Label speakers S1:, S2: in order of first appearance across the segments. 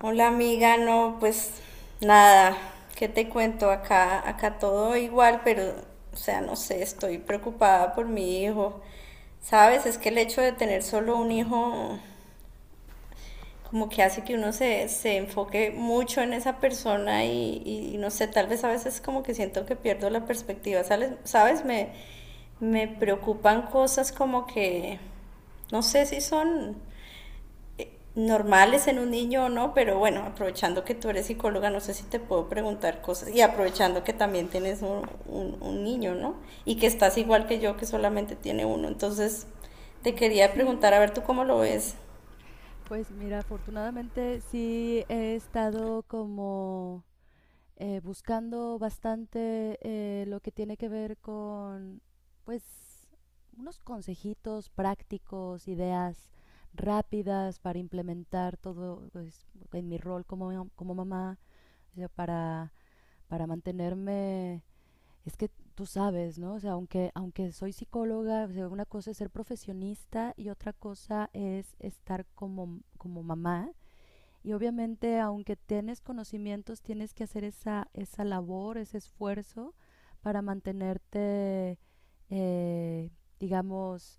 S1: Hola amiga, no, pues nada, ¿qué te cuento? Acá todo igual, pero, o sea, no sé, estoy preocupada por mi hijo. ¿Sabes? Es que el hecho de tener solo un hijo como que hace que uno se enfoque mucho en esa persona y no sé, tal vez a veces como que siento que pierdo la perspectiva, ¿sabes? ¿Sabes? Me
S2: Ujú,
S1: preocupan cosas como que, no sé si son normales en un niño o no, pero bueno, aprovechando que tú eres psicóloga, no sé si te puedo preguntar cosas, y aprovechando que también tienes un niño, ¿no? Y que estás igual que yo, que solamente tiene uno. Entonces, te
S2: ujú.
S1: quería preguntar,
S2: Sí,
S1: a ver, ¿tú cómo lo ves?
S2: pues mira, afortunadamente sí he estado como buscando bastante lo que tiene que ver con, pues, unos consejitos prácticos, ideas rápidas para implementar todo pues, en mi rol como mamá, o sea, para mantenerme, es que tú sabes, ¿no? O sea, aunque soy psicóloga, o sea, una cosa es ser profesionista y otra cosa es estar como mamá y obviamente, aunque tienes conocimientos, tienes que hacer esa labor, ese esfuerzo para mantenerte, eh, digamos,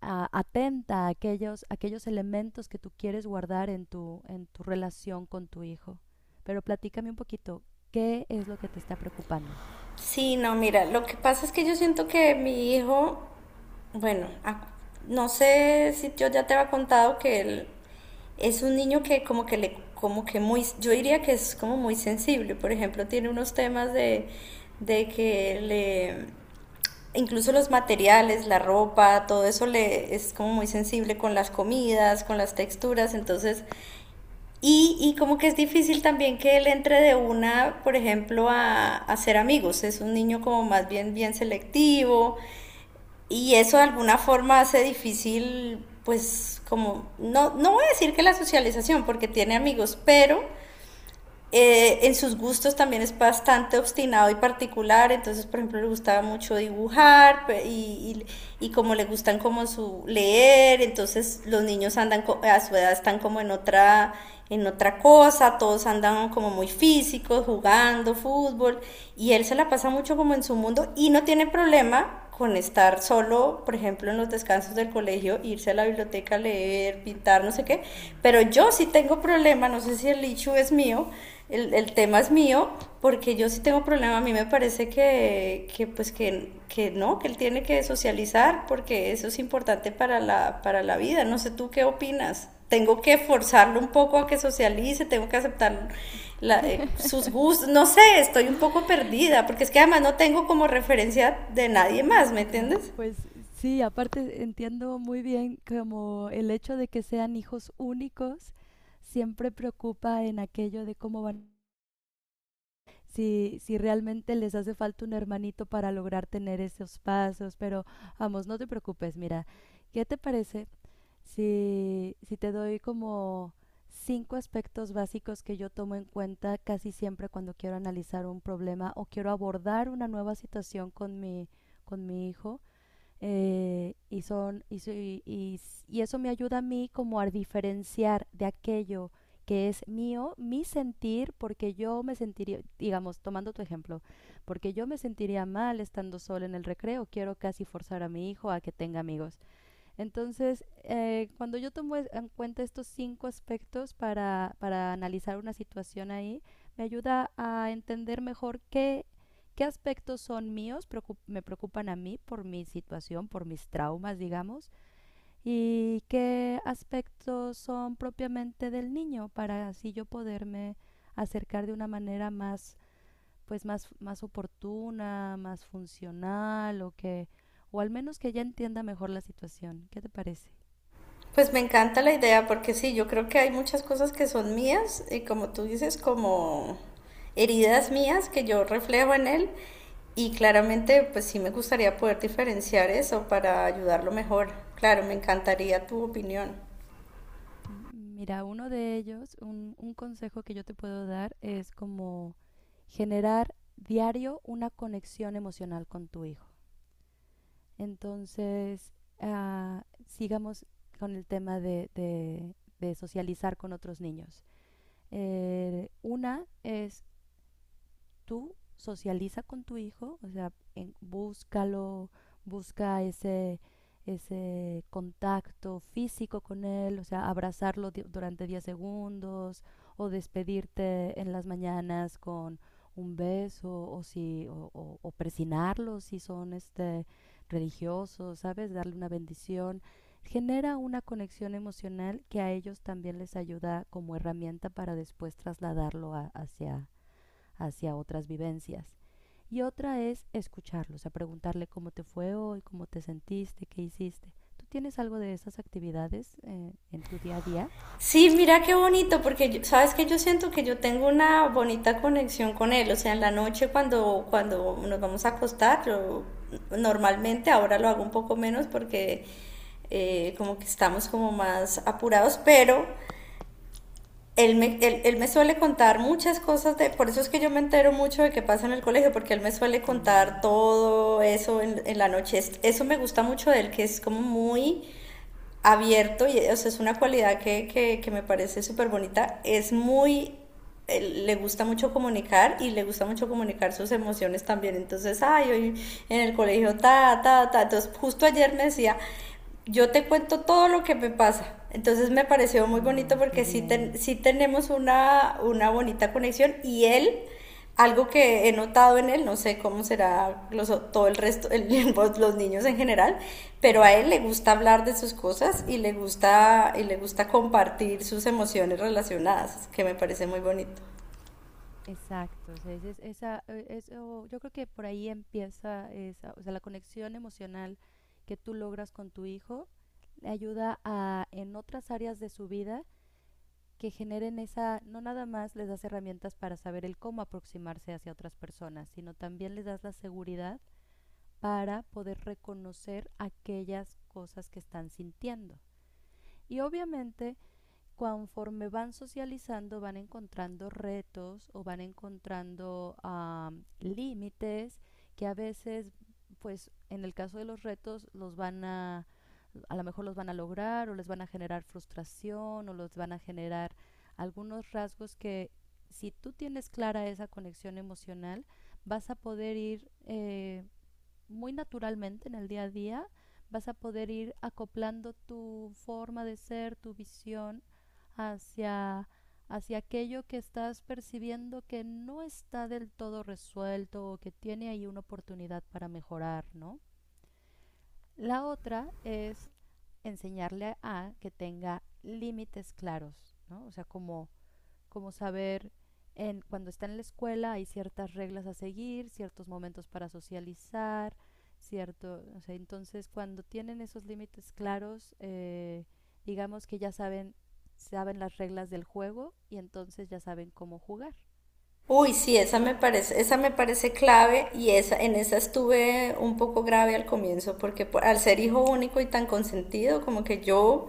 S2: atenta a aquellos elementos que tú quieres guardar en tu relación con tu hijo. Pero platícame un poquito, ¿qué es lo que te está preocupando?
S1: Sí, no, mira, lo que pasa es que yo siento que mi hijo, bueno, no sé si yo ya te había contado que él es un niño que como que le, como que muy, yo diría que es como muy sensible. Por ejemplo, tiene unos temas de, que le, incluso los materiales, la ropa, todo eso le es como muy sensible, con las comidas, con las texturas. Entonces, y como que es difícil también que él entre de una, por ejemplo, a ser amigos. Es un niño como más bien bien selectivo, y eso de alguna forma hace difícil, pues como, no, no voy a decir que la socialización, porque tiene amigos, pero en sus gustos también es bastante obstinado y particular. Entonces, por ejemplo, le gustaba mucho dibujar y como le gustan como su leer. Entonces los niños andan a su edad están como en otra cosa, todos andan como muy físicos, jugando fútbol, y él se la pasa mucho como en su mundo y no tiene problema con estar solo, por ejemplo, en los descansos del colegio, irse a la biblioteca a leer, pintar, no sé qué.
S2: Ujú.
S1: Pero yo sí tengo problema, no sé si el issue es mío, el tema es mío, porque yo sí tengo problema. A mí me parece que pues, que no, que él tiene que socializar, porque eso es importante para la vida. No sé tú qué opinas. Tengo que forzarlo un poco a que socialice, tengo que aceptarlo, sus gustos, no sé, estoy un poco perdida, porque es que además no tengo como referencia de nadie más, ¿me
S2: No,
S1: entiendes?
S2: pues sí, aparte entiendo muy bien como el hecho de que sean hijos únicos siempre preocupa en aquello de cómo van, si realmente les hace falta un hermanito para lograr tener esos pasos, pero vamos, no te preocupes, mira, ¿qué te parece si te doy como cinco aspectos básicos que yo tomo en cuenta casi siempre cuando quiero analizar un problema o quiero abordar una nueva situación con mi hijo? Y, son, y, so- y eso me ayuda a mí como a diferenciar de aquello que es mío, mi sentir, porque yo me sentiría, digamos, tomando tu ejemplo, porque yo me sentiría mal estando sola en el recreo, quiero casi forzar a mi hijo a que tenga amigos. Entonces, cuando yo tomo en cuenta estos cinco aspectos para analizar una situación ahí, me ayuda a entender mejor qué, qué aspectos son míos, me preocupan a mí por mi situación, por mis traumas, digamos, y qué aspectos son propiamente del niño para así yo poderme acercar de una manera más, pues más, más oportuna, más funcional o que, o al menos que ya entienda mejor la situación. ¿Qué te parece?
S1: Pues me encanta la idea, porque sí, yo creo que hay muchas cosas que son mías, y como tú dices, como heridas mías que yo reflejo en él, y claramente pues sí me gustaría poder diferenciar eso para ayudarlo mejor. Claro, me encantaría tu opinión.
S2: Mira, uno de ellos, un consejo que yo te puedo dar es como generar diario una conexión emocional con tu hijo. Entonces, ah, sigamos con el tema de socializar con otros niños. Una es tú socializa con tu hijo, o sea, búscalo, busca ese contacto físico con él, o sea, abrazarlo durante 10 segundos o despedirte en las mañanas con un beso o si o, o presinarlo si son este religiosos, ¿sabes? Darle una bendición. Genera una conexión emocional que a ellos también les ayuda como herramienta para después trasladarlo hacia otras vivencias. Y otra es escucharlos, a preguntarle cómo te fue hoy, cómo te sentiste, qué hiciste. ¿Tú tienes algo de esas actividades en tu día a día?
S1: Sí, mira qué bonito, porque sabes que yo siento que yo tengo una bonita conexión con él. O sea, en la noche, cuando, nos vamos a acostar, yo normalmente ahora lo hago un poco menos, porque como que estamos como más apurados, pero él me suele contar muchas cosas, por eso es que yo me entero mucho de qué pasa en el colegio, porque él me suele contar
S2: Mm.
S1: todo eso en la noche. Eso me gusta mucho de él, que es como muy abierto. Y, o sea, es una cualidad que me parece súper bonita. Es muy eh, Le gusta mucho comunicar, y le gusta mucho comunicar sus emociones también. Entonces, ay, hoy en el colegio, ta, ta, ta. Entonces, justo ayer me decía, yo te cuento todo lo que me pasa. Entonces, me pareció muy bonito,
S2: Ay, qué
S1: porque sí,
S2: bien.
S1: sí tenemos una, bonita conexión, y él, algo que he notado en él, no sé cómo será todo el resto, pues, los niños en general, pero a
S2: Ujú.
S1: él le gusta hablar de sus cosas, y le gusta compartir sus emociones relacionadas, que me parece muy bonito.
S2: Exacto, o sea, eso, yo creo que por ahí empieza esa, o sea, la conexión emocional que tú logras con tu hijo le ayuda a en otras áreas de su vida que generen esa, no nada más les das herramientas para saber el cómo aproximarse hacia otras personas, sino también les das la seguridad para poder reconocer aquellas cosas que están sintiendo. Y obviamente conforme van socializando van encontrando retos o van encontrando límites que a veces, pues en el caso de los retos, los van a lo mejor los van a lograr o les van a generar frustración o los van a generar algunos rasgos que si tú tienes clara esa conexión emocional, vas a poder ir muy naturalmente en el día a día vas a poder ir acoplando tu forma de ser, tu visión hacia aquello que estás percibiendo que no está del todo resuelto o que tiene ahí una oportunidad para mejorar, ¿no? La otra es enseñarle a que tenga límites claros, ¿no? O sea, como saber en cuando está en la escuela hay ciertas reglas a seguir, ciertos momentos para socializar, cierto, o sea, entonces cuando tienen esos límites claros, digamos que ya saben las reglas del juego y entonces ya saben cómo jugar.
S1: Uy, sí, esa me parece clave, en esa estuve un poco grave al comienzo, porque al ser hijo único y tan consentido, como que yo,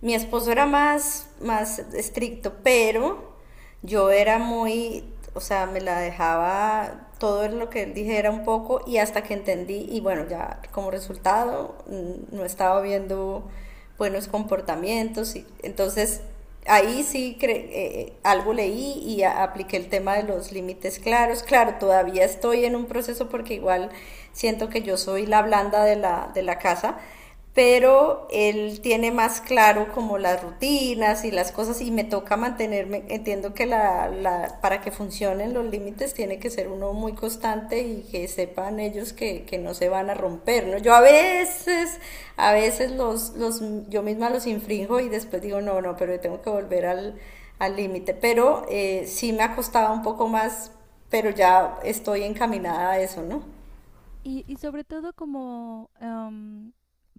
S1: mi esposo era más estricto, pero yo era muy, o sea, me la dejaba todo lo que él dijera un poco, y hasta que entendí. Y bueno, ya como resultado no estaba viendo buenos comportamientos, y entonces ahí sí cre algo leí y apliqué el tema de los límites claros. Claro, todavía estoy en un proceso porque igual siento que yo soy la blanda de la, casa, pero él tiene más claro como las rutinas y las cosas, y me toca mantenerme. Entiendo que la, para que funcionen los límites, tiene que ser uno muy constante, y que sepan ellos que, no se van a romper, ¿no? Yo a veces, los, yo misma los infringo, y después digo, no, no, pero tengo que volver al límite. Pero sí me ha costado un poco más, pero ya estoy encaminada a eso, ¿no?
S2: Y sobre todo como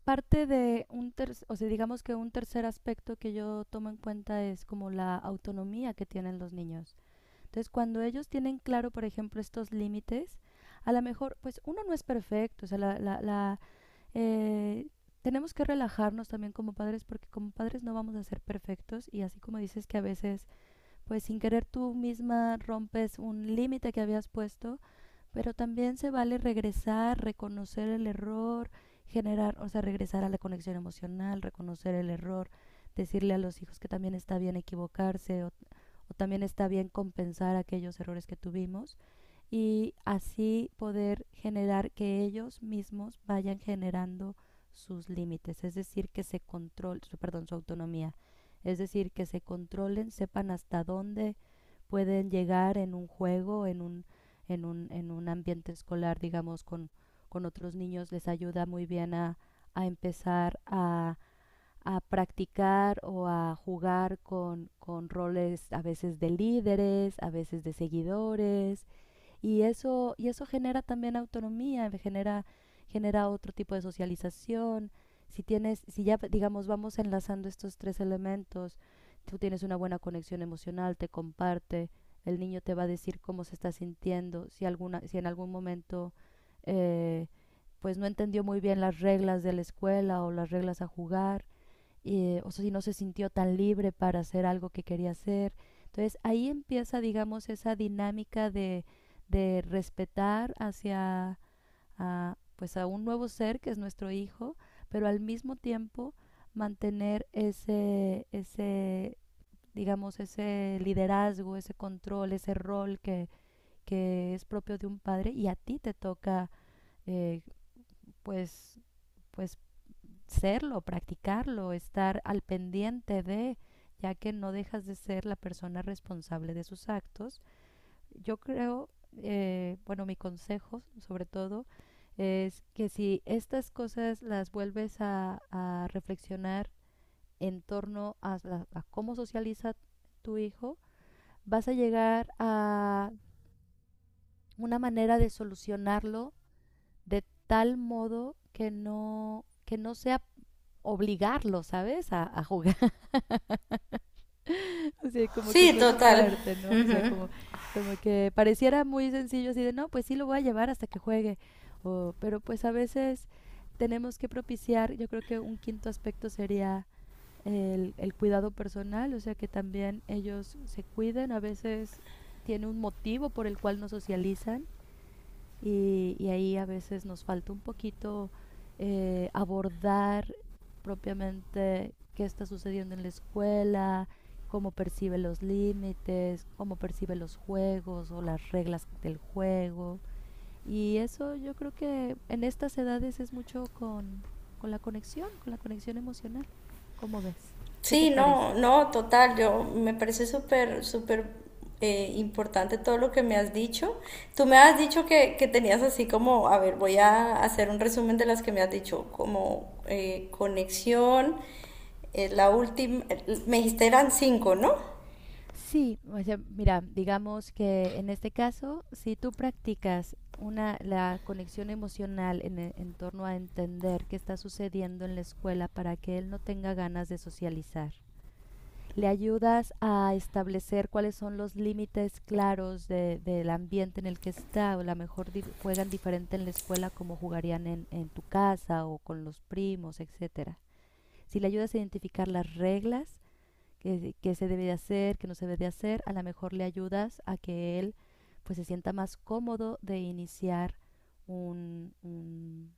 S2: parte de un tercer, o sea, digamos que un tercer aspecto que yo tomo en cuenta es como la autonomía que tienen los niños. Entonces, cuando ellos tienen claro, por ejemplo, estos límites, a lo mejor, pues uno no es perfecto, o sea, eh, tenemos que relajarnos también como padres porque como padres no vamos a ser perfectos y así como dices que a veces, pues sin querer tú misma rompes un límite que habías puesto, pero también se vale regresar, reconocer el error, generar, o sea, regresar a la conexión emocional, reconocer el error, decirle a los hijos que también está bien equivocarse o también está bien compensar aquellos errores que tuvimos y así poder generar que ellos mismos vayan generando sus límites, es decir, que se control, su, perdón, su autonomía, es decir, que se controlen, sepan hasta dónde pueden llegar en un juego, en un ambiente escolar, digamos, con otros niños, les ayuda muy bien a empezar a practicar o a jugar con roles a veces de líderes, a veces de seguidores, y eso, genera también autonomía, genera otro tipo de socialización. Si tienes, si ya digamos vamos enlazando estos tres elementos, tú tienes una buena conexión emocional, te comparte, el niño te va a decir cómo se está sintiendo, si en algún momento eh, pues no entendió muy bien las reglas de la escuela o las reglas a jugar, o sea, si no se sintió tan libre para hacer algo que quería hacer. Entonces ahí empieza, digamos, esa dinámica de, respetar hacia a, pues a un nuevo ser que es nuestro hijo, pero al mismo tiempo mantener digamos, ese liderazgo, ese control, ese rol que es propio de un padre y a ti te toca eh, pues, pues serlo, practicarlo, estar al pendiente de, ya que no dejas de ser la persona responsable de sus actos. Yo creo, bueno, mi consejo sobre todo es que si estas cosas las vuelves a reflexionar en torno a cómo socializa tu hijo, vas a llegar a una manera de solucionarlo de tal modo que no sea obligarlo, ¿sabes? A jugar. O sea, como que
S1: Sí,
S2: suena
S1: total.
S2: fuerte, ¿no? O sea, como, como que pareciera muy sencillo así de, no, pues sí lo voy a llevar hasta que juegue. O, pero pues a veces tenemos que propiciar, yo creo que un quinto aspecto sería el cuidado personal, o sea, que también ellos se cuiden, a veces tiene un motivo por el cual no socializan y ahí a veces nos falta un poquito abordar propiamente qué está sucediendo en la escuela, cómo percibe los límites, cómo percibe los juegos o las reglas del juego. Y eso yo creo que en estas edades es mucho con la conexión emocional. ¿Cómo ves? ¿Qué te
S1: Sí,
S2: parece?
S1: no, no, total, yo me parece súper, súper importante todo lo que me has dicho. Tú me has dicho que tenías así como, a ver, voy a hacer un resumen de las que me has dicho, como conexión, la última, me dijiste eran cinco, ¿no?
S2: Sí, o sea, mira, digamos que en este caso, si tú practicas una, la conexión emocional en torno a entender qué está sucediendo en la escuela para que él no tenga ganas de socializar, le ayudas a establecer cuáles son los límites claros del ambiente en el que está, o a lo mejor juegan diferente en la escuela como jugarían en tu casa o con los primos, etcétera. Si le ayudas a identificar las reglas, qué, qué se debe de hacer, qué no se debe de hacer, a lo mejor le ayudas a que él pues se sienta más cómodo de iniciar un, un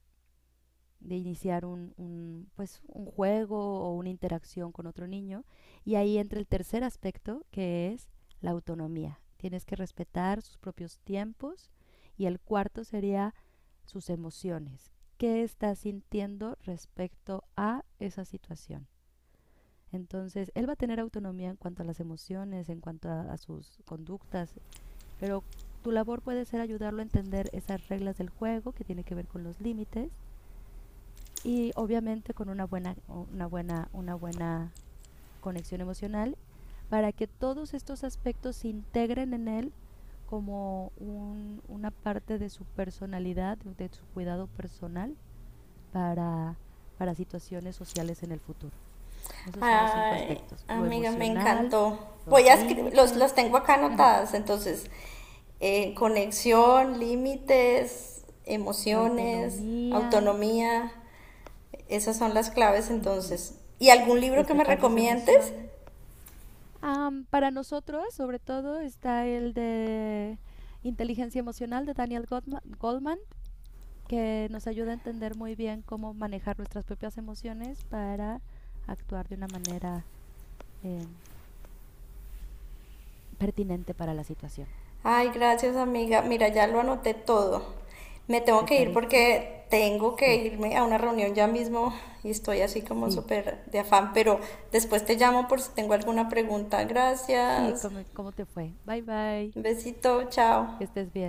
S2: un juego o una interacción con otro niño. Y ahí entra el tercer aspecto, que es la autonomía. Tienes que respetar sus propios tiempos. Y el cuarto sería sus emociones. ¿Qué estás sintiendo respecto a esa situación? Entonces, él va a tener autonomía en cuanto a las emociones, en cuanto a sus conductas, pero tu labor puede ser ayudarlo a entender esas reglas del juego que tiene que ver con los límites y obviamente con una buena conexión emocional para que todos estos aspectos se integren en él como una parte de su personalidad, de su cuidado personal para, para situaciones sociales en el futuro. Esos son los cinco
S1: Ay,
S2: aspectos. Lo
S1: amiga, me
S2: emocional,
S1: encantó. Voy
S2: los
S1: a escribir, las
S2: límites,
S1: tengo acá anotadas, entonces, conexión, límites,
S2: la
S1: emociones,
S2: autonomía,
S1: autonomía. Esas son las claves entonces. ¿Y algún libro que me
S2: respetar sus
S1: recomiendes?
S2: emociones. Para nosotros, sobre todo, está el de inteligencia emocional de Daniel Goldman, que nos ayuda a entender muy bien cómo manejar nuestras propias emociones para actuar de una manera eh, pertinente para la situación.
S1: Ay, gracias amiga. Mira, ya lo anoté todo. Me tengo
S2: ¿Te
S1: que ir
S2: parece?
S1: porque tengo que
S2: Sí,
S1: irme a una reunión ya mismo, y estoy así como
S2: sí,
S1: súper de afán, pero después te llamo por si tengo alguna pregunta.
S2: sí,
S1: Gracias.
S2: ¿cómo te fue? Bye bye.
S1: Besito, chao.
S2: Que estés bien.